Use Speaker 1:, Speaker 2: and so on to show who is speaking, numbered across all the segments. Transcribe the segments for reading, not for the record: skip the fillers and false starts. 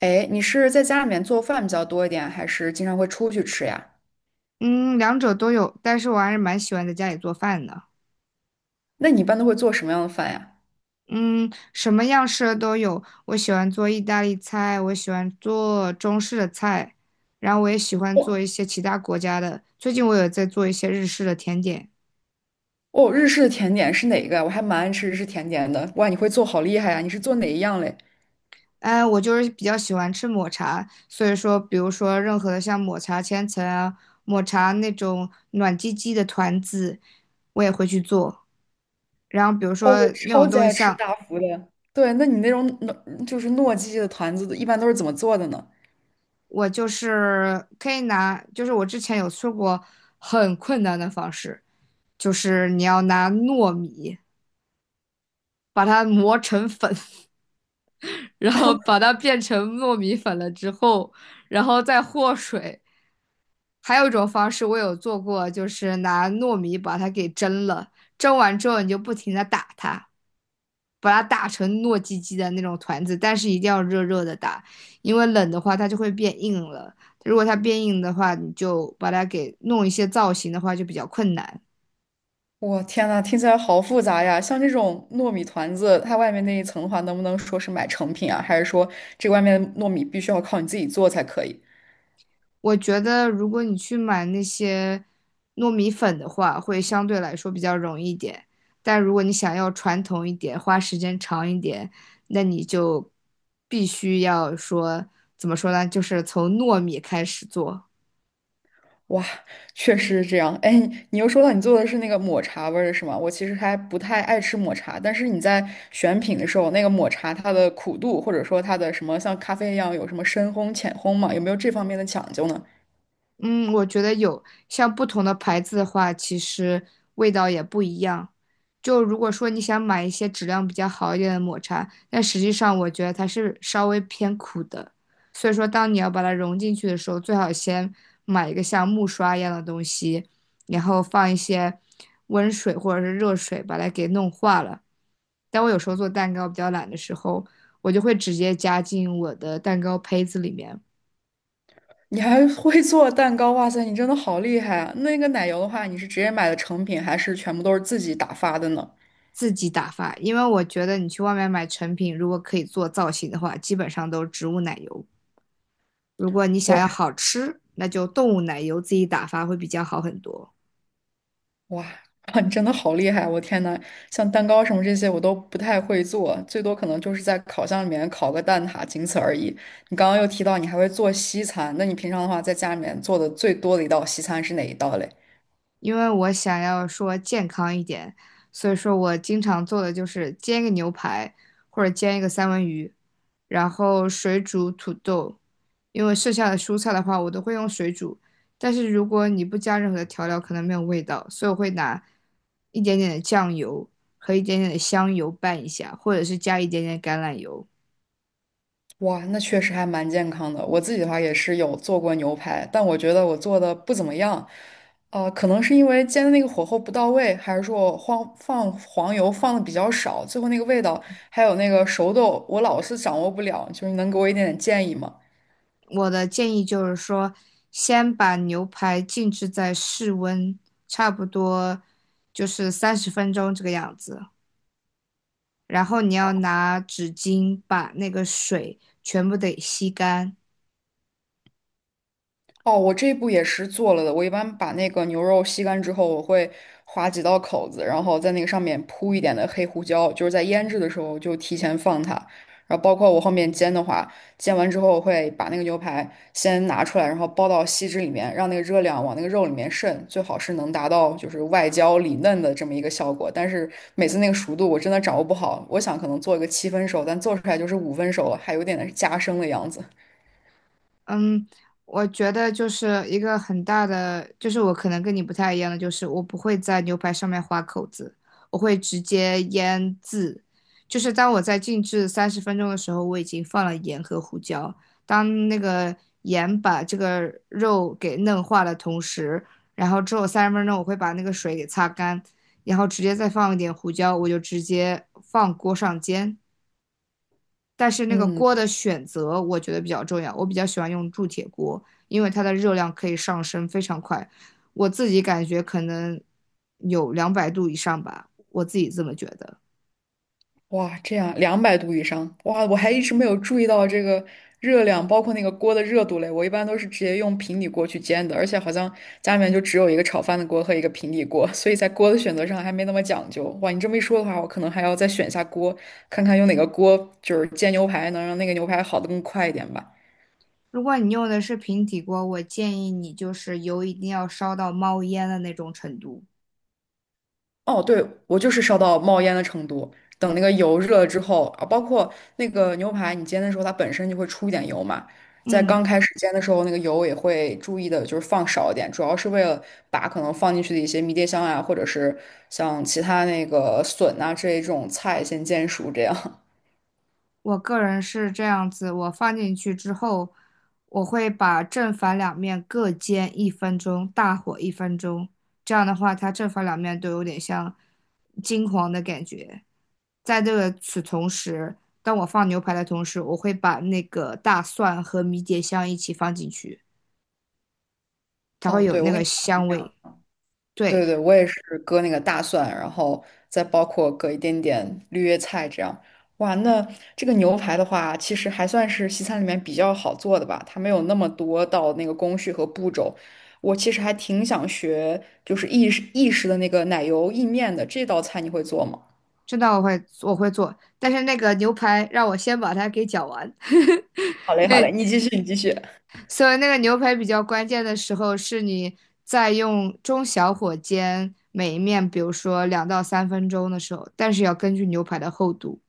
Speaker 1: 哎，你是在家里面做饭比较多一点，还是经常会出去吃呀？
Speaker 2: 嗯，两者都有，但是我还是蛮喜欢在家里做饭的。
Speaker 1: 那你一般都会做什么样的饭呀？
Speaker 2: 嗯，什么样式的都有，我喜欢做意大利菜，我喜欢做中式的菜，然后我也喜欢做
Speaker 1: 哦，
Speaker 2: 一些其他国家的。最近我有在做一些日式的甜点。
Speaker 1: 哦，日式的甜点是哪个呀？我还蛮爱吃日式甜点的。哇，你会做好厉害呀！你是做哪一样嘞？
Speaker 2: 哎，我就是比较喜欢吃抹茶，所以说，比如说任何的像抹茶千层啊，抹茶那种暖唧唧的团子，我也会去做。然后比如
Speaker 1: 哦，我
Speaker 2: 说那
Speaker 1: 超
Speaker 2: 种
Speaker 1: 级
Speaker 2: 东西
Speaker 1: 爱吃
Speaker 2: 像
Speaker 1: 大福的。对，那你那种糯就是糯叽叽的团子，一般都是怎么做的呢？
Speaker 2: 我就是可以拿，就是我之前有做过很困难的方式，就是你要拿糯米把它磨成粉，然后把 它变成糯米粉了之后，然后再和水。还有一种方式我有做过，就是拿糯米把它给蒸了，蒸完之后你就不停的打它。把它打成糯叽叽的那种团子，但是一定要热热的打，因为冷的话它就会变硬了。如果它变硬的话，你就把它给弄一些造型的话就比较困难。
Speaker 1: 我天呐，听起来好复杂呀！像这种糯米团子，它外面那一层的话，能不能说是买成品啊？还是说这外面的糯米必须要靠你自己做才可以？
Speaker 2: 我觉得如果你去买那些糯米粉的话，会相对来说比较容易一点。但如果你想要传统一点，花时间长一点，那你就必须要说，怎么说呢？就是从糯米开始做。
Speaker 1: 哇，确实是这样。哎，你又说到你做的是那个抹茶味儿的是吗？我其实还不太爱吃抹茶，但是你在选品的时候，那个抹茶它的苦度，或者说它的什么像咖啡一样有什么深烘、浅烘嘛，有没有这方面的讲究呢？
Speaker 2: 嗯，我觉得有，像不同的牌子的话，其实味道也不一样。就如果说你想买一些质量比较好一点的抹茶，但实际上我觉得它是稍微偏苦的，所以说当你要把它融进去的时候，最好先买一个像木刷一样的东西，然后放一些温水或者是热水把它给弄化了。但我有时候做蛋糕比较懒的时候，我就会直接加进我的蛋糕胚子里面。
Speaker 1: 你还会做蛋糕，哇塞，你真的好厉害啊！那个奶油的话，你是直接买的成品，还是全部都是自己打发的呢？
Speaker 2: 自己打发，因为我觉得你去外面买成品，如果可以做造型的话，基本上都是植物奶油。如果你想要
Speaker 1: 哇。
Speaker 2: 好吃，那就动物奶油自己打发会比较好很多。
Speaker 1: 哇，哇你真的好厉害！我天呐，像蛋糕什么这些我都不太会做，最多可能就是在烤箱里面烤个蛋挞，仅此而已。你刚刚又提到你还会做西餐，那你平常的话在家里面做的最多的一道西餐是哪一道嘞？
Speaker 2: 因为我想要说健康一点，所以说我经常做的就是煎一个牛排或者煎一个三文鱼，然后水煮土豆。因为剩下的蔬菜的话，我都会用水煮，但是如果你不加任何的调料，可能没有味道，所以我会拿一点点的酱油和一点点的香油拌一下，或者是加一点点橄榄油。
Speaker 1: 哇，那确实还蛮健康的。我自己的话也是有做过牛排，但我觉得我做的不怎么样。可能是因为煎的那个火候不到位，还是说我放黄油放的比较少，最后那个味道还有那个熟豆，我老是掌握不了。就是你能给我一点点建议吗？
Speaker 2: 我的建议就是说，先把牛排静置在室温，差不多就是三十分钟这个样子。然后你要拿纸巾把那个水全部得吸干，
Speaker 1: 哦，我这一步也是做了的。我一般把那个牛肉吸干之后，我会划几道口子，然后在那个上面铺一点的黑胡椒，就是在腌制的时候就提前放它。然后包括我后面煎的话，煎完之后我会把那个牛排先拿出来，然后包到锡纸里面，让那个热量往那个肉里面渗，最好是能达到就是外焦里嫩的这么一个效果。但是每次那个熟度我真的掌握不好，我想可能做一个七分熟，但做出来就是五分熟了，还有点加生的样子。
Speaker 2: 嗯，我觉得就是一个很大的，就是我可能跟你不太一样的，就是我不会在牛排上面划口子，我会直接腌制。就是当我在静置三十分钟的时候，我已经放了盐和胡椒。当那个盐把这个肉给嫩化的同时，然后之后三十分钟我会把那个水给擦干，然后直接再放一点胡椒，我就直接放锅上煎。但是那个
Speaker 1: 嗯。
Speaker 2: 锅的选择我觉得比较重要，我比较喜欢用铸铁锅，因为它的热量可以上升非常快，我自己感觉可能有200度以上吧，我自己这么觉得。
Speaker 1: 哇，这样200度以上，哇，我还一直没有注意到这个热量，包括那个锅的热度嘞。我一般都是直接用平底锅去煎的，而且好像家里面就只有一个炒饭的锅和一个平底锅，所以在锅的选择上还没那么讲究。哇，你这么一说的话，我可能还要再选一下锅，看看用哪个锅，就是煎牛排能让那个牛排好的更快一点吧。
Speaker 2: 如果你用的是平底锅，我建议你就是油一定要烧到冒烟的那种程度。
Speaker 1: 哦，对，我就是烧到冒烟的程度。等那个油热了之后，啊，包括那个牛排，你煎的时候它本身就会出一点油嘛，在
Speaker 2: 嗯。
Speaker 1: 刚开始煎的时候，那个油也会注意的，就是放少一点，主要是为了把可能放进去的一些迷迭香啊，或者是像其他那个笋啊这一种菜先煎熟，这样。
Speaker 2: 我个人是这样子，我放进去之后，我会把正反两面各煎一分钟，大火一分钟。这样的话，它正反两面都有点像金黄的感觉。在这个此同时，当我放牛排的同时，我会把那个大蒜和迷迭香一起放进去，它会
Speaker 1: 哦，
Speaker 2: 有
Speaker 1: 对，我
Speaker 2: 那
Speaker 1: 跟
Speaker 2: 个
Speaker 1: 你一
Speaker 2: 香
Speaker 1: 样。
Speaker 2: 味。对，
Speaker 1: 对对，我也是割那个大蒜，然后再包括割一点点绿叶菜这样。哇，那这个牛排的话，其实还算是西餐里面比较好做的吧，它没有那么多道那个工序和步骤。我其实还挺想学，就是意式的那个奶油意面的这道菜，你会做吗？
Speaker 2: 这道我会做，但是那个牛排让我先把它给搅完。
Speaker 1: 好 嘞，好
Speaker 2: 那
Speaker 1: 嘞，你继续，你继续。
Speaker 2: 所以那个牛排比较关键的时候，是你在用中小火煎每一面，比如说2到3分钟的时候，但是要根据牛排的厚度。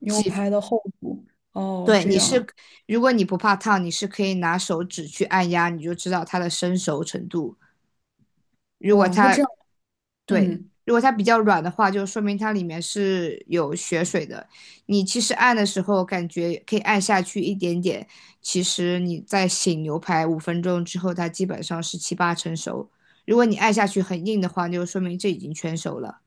Speaker 1: 牛排的厚度，哦，
Speaker 2: 对，
Speaker 1: 这
Speaker 2: 你
Speaker 1: 样
Speaker 2: 是，
Speaker 1: 啊，
Speaker 2: 如果你不怕烫，你是可以拿手指去按压，你就知道它的生熟程度。如果
Speaker 1: 哇，那
Speaker 2: 它
Speaker 1: 这样，
Speaker 2: 对，
Speaker 1: 嗯。
Speaker 2: 如果它比较软的话，就说明它里面是有血水的。你其实按的时候，感觉可以按下去一点点，其实你在醒牛排5分钟之后，它基本上是七八成熟。如果你按下去很硬的话，就说明这已经全熟了。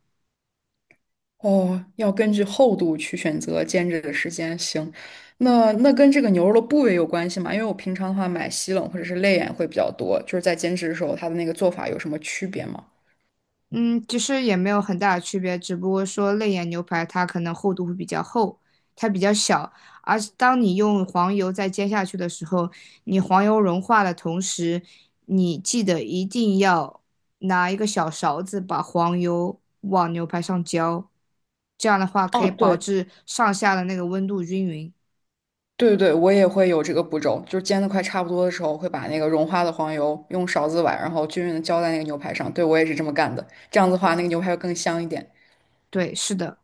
Speaker 1: 哦，要根据厚度去选择煎制的时间。行，那跟这个牛肉的部位有关系吗？因为我平常的话买西冷或者是肋眼会比较多，就是在煎制的时候，它的那个做法有什么区别吗？
Speaker 2: 嗯，其实也没有很大的区别，只不过说肋眼牛排它可能厚度会比较厚，它比较小，而是当你用黄油再煎下去的时候，你黄油融化的同时，你记得一定要拿一个小勺子把黄油往牛排上浇，这样的话可
Speaker 1: 哦，
Speaker 2: 以保
Speaker 1: 对
Speaker 2: 质上下的那个温度均匀。
Speaker 1: 对对，我也会有这个步骤，就是煎的快差不多的时候，会把那个融化的黄油用勺子崴，然后均匀的浇在那个牛排上。对，我也是这么干的，这样子的话，那个牛排会更香一点。
Speaker 2: 对，是的。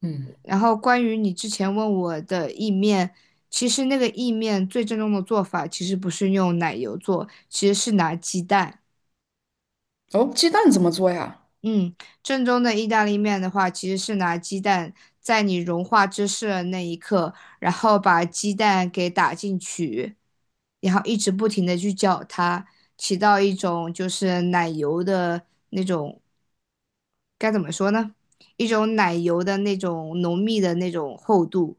Speaker 1: 嗯，
Speaker 2: 然后关于你之前问我的意面，其实那个意面最正宗的做法其实不是用奶油做，其实是拿鸡蛋。
Speaker 1: 哦，鸡蛋怎么做呀？
Speaker 2: 嗯，正宗的意大利面的话，其实是拿鸡蛋在你融化芝士的那一刻，然后把鸡蛋给打进去，然后一直不停的去搅它，起到一种就是奶油的那种，该怎么说呢？一种奶油的那种浓密的那种厚度。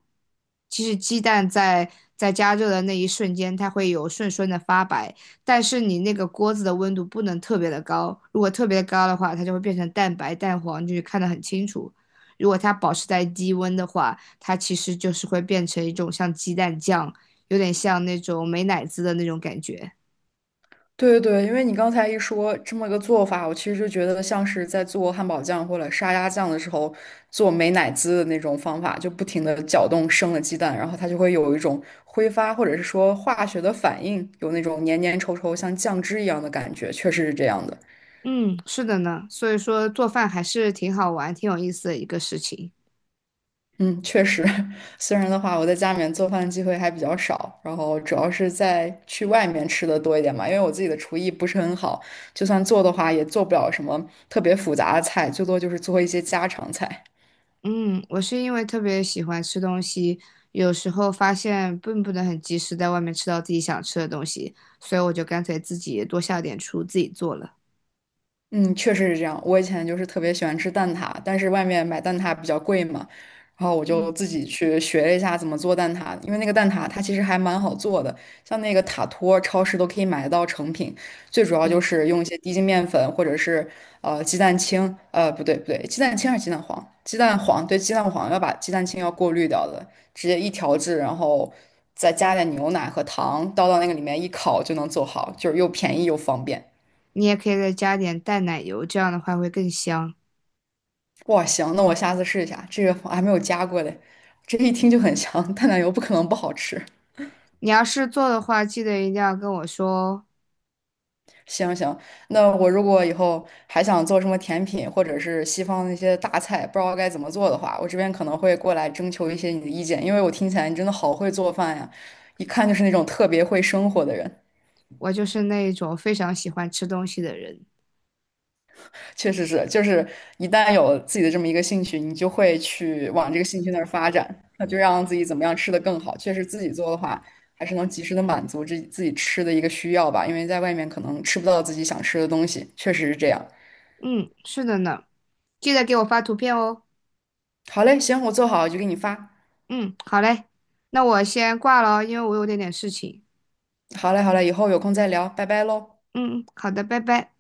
Speaker 2: 其实鸡蛋在加热的那一瞬间，它会有顺顺的发白，但是你那个锅子的温度不能特别的高，如果特别高的话，它就会变成蛋白、蛋黄，就是看得很清楚。如果它保持在低温的话，它其实就是会变成一种像鸡蛋酱，有点像那种美乃滋的那种感觉。
Speaker 1: 对对对，因为你刚才一说这么个做法，我其实就觉得像是在做汉堡酱或者沙拉酱的时候做美乃滋的那种方法，就不停的搅动生的鸡蛋，然后它就会有一种挥发或者是说化学的反应，有那种黏黏稠稠像酱汁一样的感觉，确实是这样的。
Speaker 2: 嗯，是的呢，所以说做饭还是挺好玩、挺有意思的一个事情。
Speaker 1: 嗯，确实，虽然的话，我在家里面做饭的机会还比较少，然后主要是在去外面吃的多一点嘛，因为我自己的厨艺不是很好，就算做的话，也做不了什么特别复杂的菜，最多就是做一些家常菜。
Speaker 2: 嗯，我是因为特别喜欢吃东西，有时候发现并不能很及时在外面吃到自己想吃的东西，所以我就干脆自己多下点厨，自己做了。
Speaker 1: 嗯，确实是这样。我以前就是特别喜欢吃蛋挞，但是外面买蛋挞比较贵嘛，然后我就
Speaker 2: 嗯。
Speaker 1: 自己去学了一下怎么做蛋挞。因为那个蛋挞它其实还蛮好做的，像那个塔托，超市都可以买得到成品。最主要就
Speaker 2: 对，
Speaker 1: 是用一些低筋面粉或者是鸡蛋清，不对不对，鸡蛋清还是鸡蛋黄？鸡蛋黄对，鸡蛋黄要把鸡蛋清要过滤掉的，直接一调制，然后再加点牛奶和糖，倒到那个里面一烤就能做好，就是又便宜又方便。
Speaker 2: 你也可以再加点淡奶油，这样的话会更香。
Speaker 1: 哇，行，那我下次试一下，这个我还没有加过嘞，这一听就很香，淡奶油不可能不好吃。
Speaker 2: 你要是做的话，记得一定要跟我说哦，
Speaker 1: 行行，那我如果以后还想做什么甜品，或者是西方那些大菜，不知道该怎么做的话，我这边可能会过来征求一些你的意见，因为我听起来你真的好会做饭呀，一看就是那种特别会生活的人。
Speaker 2: 我就是那种非常喜欢吃东西的人。
Speaker 1: 确实是，就是一旦有自己的这么一个兴趣，你就会去往这个兴趣那儿发展，那就让自己怎么样吃得更好。确实自己做的话，还是能及时的满足自己吃的一个需要吧，因为在外面可能吃不到自己想吃的东西，确实是这样。
Speaker 2: 嗯，是的呢，记得给我发图片哦。
Speaker 1: 好嘞，行，我做好就给你发。
Speaker 2: 嗯，好嘞，那我先挂了哦，因为我有点点事情。
Speaker 1: 好嘞，好嘞，以后有空再聊，拜拜喽。
Speaker 2: 嗯，好的，拜拜。